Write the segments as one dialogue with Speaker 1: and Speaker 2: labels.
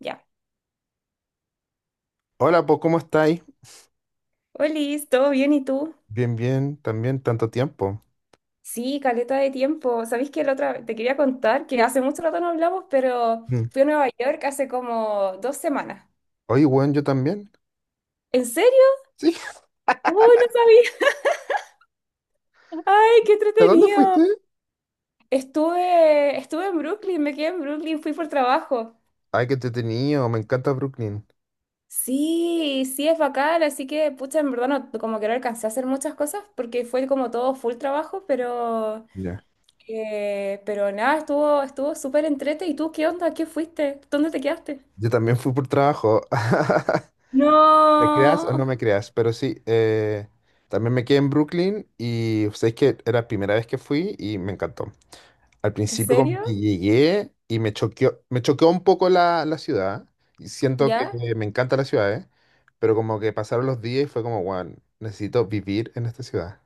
Speaker 1: Ya.
Speaker 2: Hola, pues, ¿cómo estáis?
Speaker 1: Olis, ¿todo bien y tú?
Speaker 2: Bien, bien, también, tanto tiempo.
Speaker 1: Sí, caleta de tiempo. Sabéis que la otra te quería contar que hace mucho rato no hablamos, pero
Speaker 2: Mm.
Speaker 1: fui a Nueva York hace como 2 semanas.
Speaker 2: Oye, weón, yo también.
Speaker 1: ¿En serio?
Speaker 2: Sí.
Speaker 1: ¡Uy, no sabía! ¡Ay, qué
Speaker 2: ¿A dónde
Speaker 1: entretenido!
Speaker 2: fuiste?
Speaker 1: Estuve en Brooklyn, me quedé en Brooklyn, fui por trabajo.
Speaker 2: Ay, qué entretenido, me encanta Brooklyn.
Speaker 1: Sí, sí, es bacán, así que, pucha, en verdad no, como que no alcancé a hacer muchas cosas porque fue como todo full trabajo,
Speaker 2: Ya.
Speaker 1: pero nada, estuvo súper entrete. ¿Y tú qué onda? ¿Qué fuiste? ¿Dónde te quedaste?
Speaker 2: Yo también fui por trabajo. ¿Me creas o
Speaker 1: No,
Speaker 2: no me creas? Pero sí, también me quedé en Brooklyn y sabéis que era la primera vez que fui y me encantó. Al
Speaker 1: ¿en
Speaker 2: principio como
Speaker 1: serio?
Speaker 2: que llegué y me choqueó un poco la ciudad. Y siento que
Speaker 1: ¿Ya?
Speaker 2: me encanta la ciudad, ¿eh? Pero como que pasaron los días y fue como, weón, necesito vivir en esta ciudad.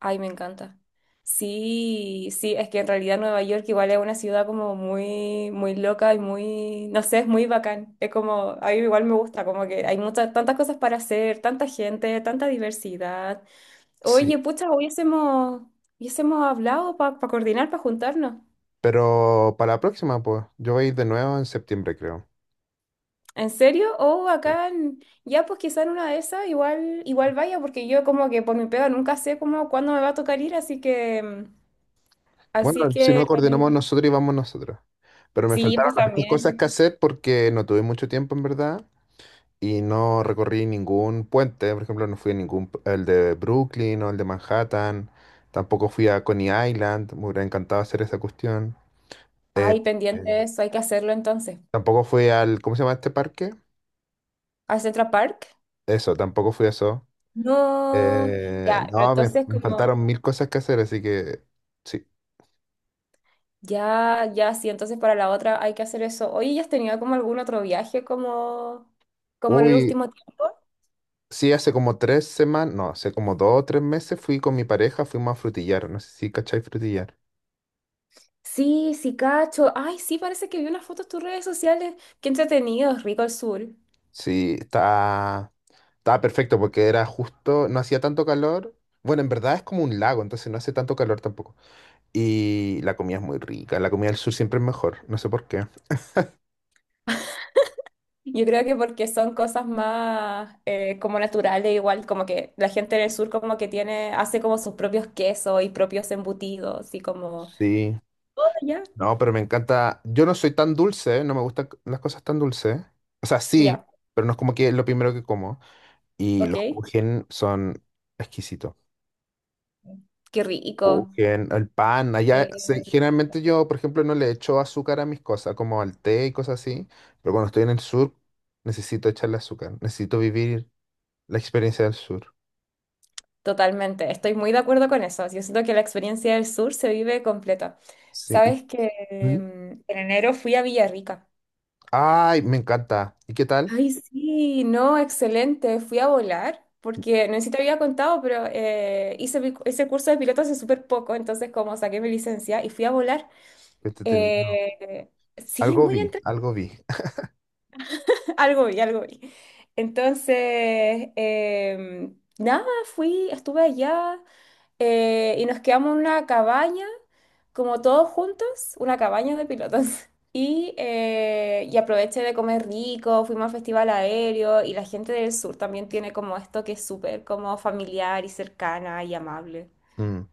Speaker 1: Ay, me encanta. Sí, sí, es que en realidad Nueva York igual es una ciudad como muy, muy loca y muy, no sé, es muy bacán. Es como, a mí igual me gusta, como que hay muchas, tantas cosas para hacer, tanta gente, tanta diversidad.
Speaker 2: Sí,
Speaker 1: Oye, pucha, hubiésemos hablado para coordinar, para juntarnos.
Speaker 2: pero para la próxima, pues, yo voy a ir de nuevo en septiembre, creo.
Speaker 1: ¿En serio? Oh,
Speaker 2: Sí.
Speaker 1: acá en- ya pues quizá en una de esas igual, igual vaya, porque yo como que por mi pega nunca sé como cuándo me va a tocar ir, así que... Así
Speaker 2: Bueno, si
Speaker 1: que
Speaker 2: no coordinamos nosotros y vamos nosotros. Pero me
Speaker 1: sí,
Speaker 2: faltaron
Speaker 1: pues
Speaker 2: hartas cosas que
Speaker 1: también.
Speaker 2: hacer porque no tuve mucho tiempo, en verdad, y no recorrí ningún puente. Por ejemplo, no fui a ningún, el de Brooklyn o el de Manhattan. Tampoco fui a Coney Island. Me hubiera encantado hacer esa cuestión.
Speaker 1: Ay,
Speaker 2: Eh,
Speaker 1: pendiente de eso, hay que hacerlo entonces.
Speaker 2: Tampoco fui al, ¿cómo se llama este parque?
Speaker 1: ¿Al Central Park?
Speaker 2: Eso, tampoco fui a eso.
Speaker 1: No, ya, pero
Speaker 2: No, me,
Speaker 1: entonces
Speaker 2: me
Speaker 1: como,
Speaker 2: faltaron mil cosas que hacer, así que sí.
Speaker 1: ya, ya, sí, entonces para la otra hay que hacer eso. Oye, ¿ya has tenido como algún otro viaje como, como en el
Speaker 2: Uy.
Speaker 1: último tiempo?
Speaker 2: Sí, hace como 3 semanas, no, hace como 2 o 3 meses fui con mi pareja, fuimos a Frutillar, no sé si cachai Frutillar.
Speaker 1: Sí, sí, cacho. Ay, sí, parece que vi unas fotos en tus redes sociales. Qué entretenido, rico el sur.
Speaker 2: Sí, estaba perfecto porque era justo, no hacía tanto calor. Bueno, en verdad es como un lago, entonces no hace tanto calor tampoco. Y la comida es muy rica, la comida del sur siempre es mejor, no sé por qué.
Speaker 1: Yo creo que porque son cosas más como naturales, igual como que la gente en el sur como que tiene, hace como sus propios quesos y propios embutidos y como,
Speaker 2: Sí,
Speaker 1: "Ah, ya,
Speaker 2: no, pero me encanta, yo no soy tan dulce, no me gustan las cosas tan dulces. O sea, sí,
Speaker 1: ya,
Speaker 2: pero no es como que es lo primero que como. Y
Speaker 1: ok,
Speaker 2: los kuchen son exquisitos.
Speaker 1: qué
Speaker 2: Oh,
Speaker 1: rico.
Speaker 2: el pan, allá,
Speaker 1: Eh,
Speaker 2: generalmente yo, por ejemplo, no le echo azúcar a mis cosas, como al té y cosas así, pero cuando estoy en el sur, necesito echarle azúcar, necesito vivir la experiencia del sur.
Speaker 1: Totalmente, estoy muy de acuerdo con eso. Yo siento que la experiencia del sur se vive completa.
Speaker 2: Sí.
Speaker 1: Sabes que
Speaker 2: ¿Mm?
Speaker 1: en enero fui a Villarrica.
Speaker 2: Ay, me encanta. ¿Y qué tal?
Speaker 1: Ay, sí, no, excelente. Fui a volar porque no sé si te había contado, pero hice mi- ese curso de piloto hace súper poco, entonces como saqué mi licencia y fui a volar.
Speaker 2: Qué entretenido.
Speaker 1: eh, sí,
Speaker 2: Algo
Speaker 1: muy
Speaker 2: vi,
Speaker 1: entre...
Speaker 2: algo vi.
Speaker 1: algo vi, algo vi. Entonces, nada, fui, estuve allá y nos quedamos en una cabaña, como todos juntos, una cabaña de pilotos. Y, y aproveché de comer rico, fuimos al festival aéreo y la gente del sur también tiene como esto que es súper como familiar y cercana y amable.
Speaker 2: Mm,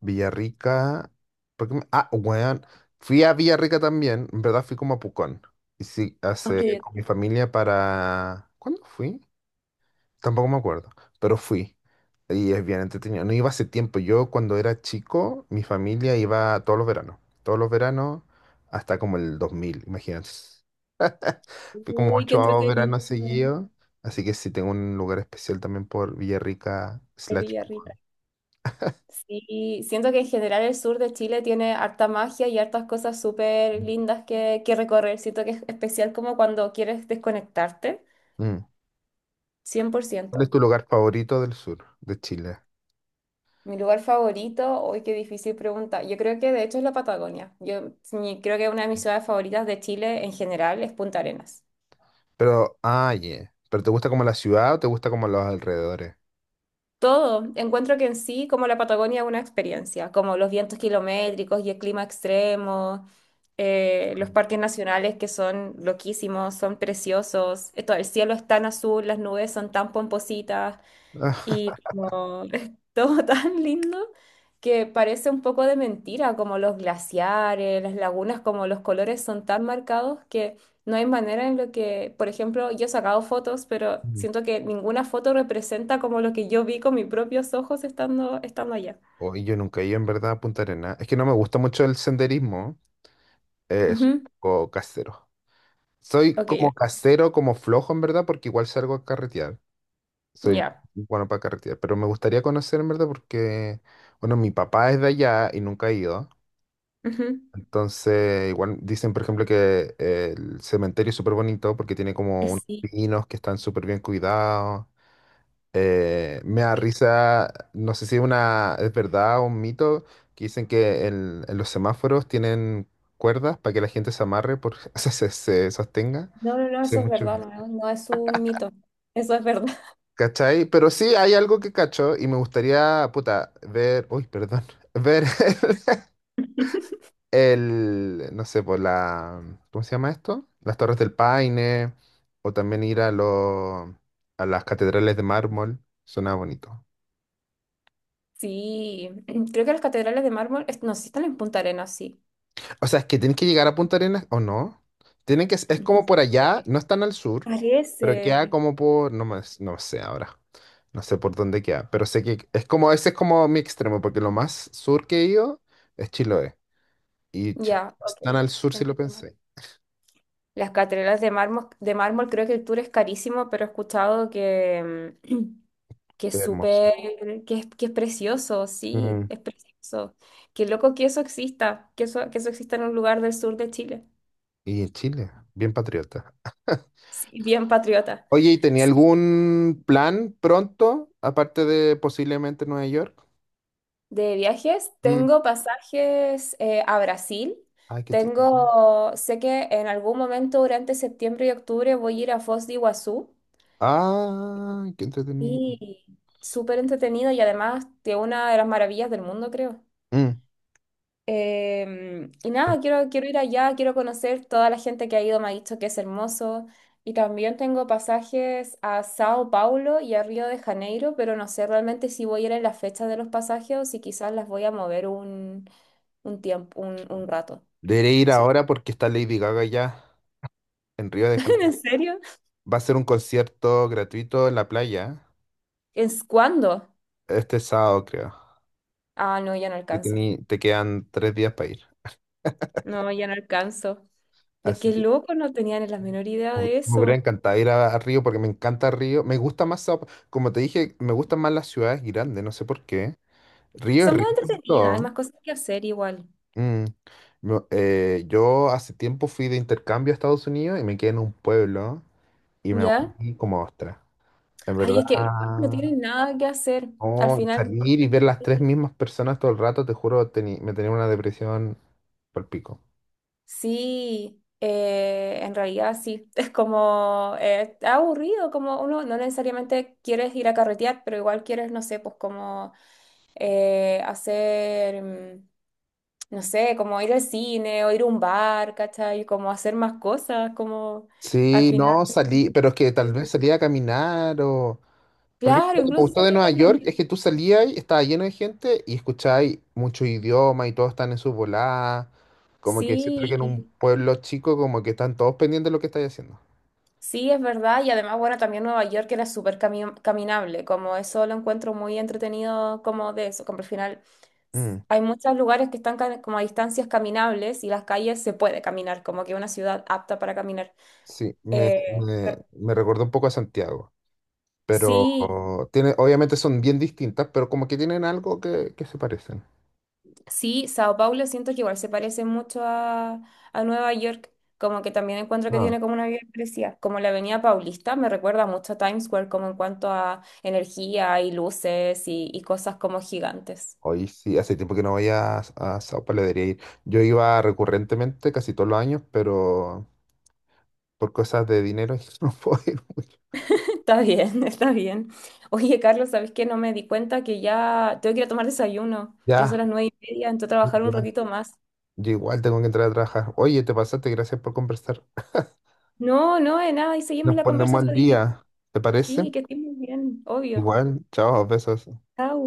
Speaker 2: Villarrica. Ah, weón. Fui a Villarrica también. En verdad fui como a Pucón. Y sí,
Speaker 1: Ok,
Speaker 2: hace con mi
Speaker 1: ok.
Speaker 2: familia para. ¿Cuándo fui? Tampoco me acuerdo, pero fui. Y es bien entretenido. No iba hace tiempo. Yo cuando era chico, mi familia iba todos los veranos. Todos los veranos hasta como el 2000, imagínate. Fui como
Speaker 1: Uy, qué
Speaker 2: ocho
Speaker 1: entretenido.
Speaker 2: veranos seguidos. Así que sí, tengo un lugar especial también por Villarrica
Speaker 1: El
Speaker 2: slash
Speaker 1: Villarrica.
Speaker 2: Pucón.
Speaker 1: Sí, siento que en general el sur de Chile tiene harta magia y hartas cosas súper lindas que recorrer. Siento que es especial como cuando quieres desconectarte,
Speaker 2: Mm.
Speaker 1: cien por
Speaker 2: ¿Cuál es
Speaker 1: ciento
Speaker 2: tu lugar favorito del sur de Chile?
Speaker 1: Mi lugar favorito, hoy qué difícil pregunta. Yo creo que de hecho es la Patagonia. Yo mi- creo que una de mis ciudades favoritas de Chile en general es Punta Arenas.
Speaker 2: Pero, ah, yeah. ¿Pero te gusta como la ciudad o te gusta como los alrededores?
Speaker 1: Todo, encuentro que en sí, como la Patagonia, es una experiencia, como los vientos kilométricos y el clima extremo, los parques nacionales que son loquísimos, son preciosos, todo el cielo es tan azul, las nubes son tan pompositas.
Speaker 2: Ah,
Speaker 1: Y como es todo tan lindo que parece un poco de mentira, como los glaciares, las lagunas, como los colores son tan marcados que no hay manera en lo que, por ejemplo, yo he sacado fotos, pero
Speaker 2: mm.
Speaker 1: siento que ninguna foto representa como lo que yo vi con mis propios ojos estando allá.
Speaker 2: Oye, yo nunca he ido en verdad a Punta Arenas. Es que no me gusta mucho el senderismo. Es
Speaker 1: Ujú.
Speaker 2: o casero. Soy
Speaker 1: Ok,
Speaker 2: como casero, como flojo en verdad, porque igual salgo a carretear. Soy bien
Speaker 1: ya.
Speaker 2: bueno para carretear, pero me gustaría conocer en verdad porque, bueno, mi papá es de allá y nunca ha ido.
Speaker 1: Ujú.
Speaker 2: Entonces, igual dicen, por ejemplo, que el cementerio es súper bonito porque tiene como unos
Speaker 1: Sí.
Speaker 2: pinos que están súper bien cuidados. Me da
Speaker 1: Sí.
Speaker 2: risa, no sé si es una, es verdad o un mito, que dicen que en los semáforos tienen cuerdas para que la gente se amarre, por, o sea, se sostenga.
Speaker 1: No, no, no,
Speaker 2: Sé
Speaker 1: eso es
Speaker 2: mucho.
Speaker 1: verdad, no, no es un mito. Eso es verdad.
Speaker 2: ¿Cachai? Pero sí hay algo que cacho y me gustaría, puta, ver, uy, perdón, ver el, no sé, por la, ¿cómo se llama esto? Las Torres del Paine, o también ir a, los a las catedrales de mármol, suena bonito.
Speaker 1: Sí, creo que las catedrales de mármol, es- no, sí están en Punta Arenas, sí.
Speaker 2: O sea, es que tienen que llegar a Punta Arenas o no. Tienen que, es como por allá, no están al sur, pero
Speaker 1: Parece.
Speaker 2: queda como por, no más, no sé ahora, no sé por dónde queda, pero sé que es como, ese es como mi extremo, porque lo más sur que he ido es Chiloé. Y Chi-
Speaker 1: Ya,
Speaker 2: Están
Speaker 1: ok.
Speaker 2: al sur si lo
Speaker 1: Entiendo.
Speaker 2: pensé.
Speaker 1: Las catedrales de mármol, creo que el tour es carísimo, pero he escuchado que, que
Speaker 2: Qué
Speaker 1: es
Speaker 2: hermoso.
Speaker 1: súper, que es precioso, sí,
Speaker 2: Mm,
Speaker 1: es precioso. Qué loco que eso exista en un lugar del sur de Chile.
Speaker 2: Y Chile, bien patriota.
Speaker 1: Sí, bien patriota.
Speaker 2: Oye, ¿y tenía algún plan pronto, aparte de posiblemente Nueva York?
Speaker 1: De viajes,
Speaker 2: Mm.
Speaker 1: tengo pasajes a Brasil.
Speaker 2: Ay, qué entretenido.
Speaker 1: Tengo, sé que en algún momento durante septiembre y octubre voy a ir a Foz de Iguazú.
Speaker 2: Ah, qué entretenido.
Speaker 1: Y súper entretenido y además de una de las maravillas del mundo, creo.
Speaker 2: Mm.
Speaker 1: Y nada, quiero, quiero ir allá, quiero conocer toda la gente que ha ido, me ha dicho que es hermoso. Y también tengo pasajes a Sao Paulo y a Río de Janeiro, pero no sé realmente si voy a ir en las fechas de los pasajes o si quizás las voy a mover un tiempo, un rato.
Speaker 2: Deberé ir
Speaker 1: Sí.
Speaker 2: ahora porque está Lady Gaga ya en Río de Janeiro.
Speaker 1: ¿En serio?
Speaker 2: Va a ser un concierto gratuito en la playa
Speaker 1: ¿Es cuándo?
Speaker 2: este sábado, creo.
Speaker 1: Ah, no, ya no
Speaker 2: Y
Speaker 1: alcanzo.
Speaker 2: te quedan 3 días para ir.
Speaker 1: No, ya no alcanzo. De
Speaker 2: Así
Speaker 1: qué
Speaker 2: que
Speaker 1: loco, no tenían la menor idea de
Speaker 2: me hubiera
Speaker 1: eso.
Speaker 2: encantado ir a Río porque me encanta Río. Me gusta más, como te dije, me gustan más las ciudades grandes, no sé por qué. Río es
Speaker 1: Son más
Speaker 2: rico y
Speaker 1: entretenidas, hay más
Speaker 2: todo.
Speaker 1: cosas que hacer igual,
Speaker 2: Mm. No, yo hace tiempo fui de intercambio a Estados Unidos y me quedé en un pueblo y me
Speaker 1: ¿ya?
Speaker 2: aburrí como ostra. En
Speaker 1: Ay, es que igual no
Speaker 2: verdad,
Speaker 1: tienen nada que hacer. Al
Speaker 2: oh,
Speaker 1: final,
Speaker 2: salir y ver las tres mismas personas todo el rato, te juro, me tenía una depresión por pico.
Speaker 1: sí, en realidad sí. Es como, está aburrido, como uno no necesariamente quieres ir a carretear, pero igual quieres, no sé, pues como hacer, no sé, como ir al cine o ir a un bar, ¿cachai? Como hacer más cosas, como al
Speaker 2: Sí,
Speaker 1: final.
Speaker 2: no, salí, pero es que tal
Speaker 1: Sí.
Speaker 2: vez salía a caminar o... Por ejemplo,
Speaker 1: Claro,
Speaker 2: lo que me
Speaker 1: incluso
Speaker 2: gustó de
Speaker 1: salir a
Speaker 2: Nueva
Speaker 1: caminar.
Speaker 2: York es que tú salías y estaba lleno de gente y escucháis muchos idiomas y todos están en su volada. Como que siento que en un
Speaker 1: Sí,
Speaker 2: pueblo chico como que están todos pendientes de lo que estáis haciendo.
Speaker 1: sí, es verdad, y además, bueno, también Nueva York era súper cami- caminable, como eso lo encuentro muy entretenido, como de eso, como al final s-
Speaker 2: Mm,
Speaker 1: hay muchos lugares que están ca- como a distancias caminables y las calles se puede caminar, como que una ciudad apta para caminar.
Speaker 2: sí, me,
Speaker 1: Eh,
Speaker 2: me, me recordó un poco a Santiago, pero
Speaker 1: sí,
Speaker 2: tiene, obviamente son bien distintas, pero como que tienen algo que se parecen.
Speaker 1: sí, Sao Paulo siento que igual se parece mucho a Nueva York, como que también encuentro que
Speaker 2: Ah,
Speaker 1: tiene como una vida parecida, como la Avenida Paulista me recuerda mucho a Times Square, como en cuanto a energía y luces y cosas como gigantes.
Speaker 2: hoy sí, hace tiempo que no voy a Sao Paulo, debería ir. Yo iba recurrentemente casi todos los años, pero por cosas de dinero no puedo ir mucho.
Speaker 1: Está bien, está bien. Oye, Carlos, ¿sabes qué? No me di cuenta que ya tengo que ir a tomar desayuno. Ya
Speaker 2: Ya,
Speaker 1: son las 9:30, entonces trabajar un
Speaker 2: igual,
Speaker 1: ratito más.
Speaker 2: yo igual tengo que entrar a trabajar. Oye, te pasaste, gracias por conversar.
Speaker 1: No, no, de nada, y seguimos
Speaker 2: Nos
Speaker 1: la conversa
Speaker 2: ponemos al
Speaker 1: otro día.
Speaker 2: día, ¿te parece?
Speaker 1: Sí, que estés muy bien, obvio.
Speaker 2: Igual, chao, besos.
Speaker 1: Chao.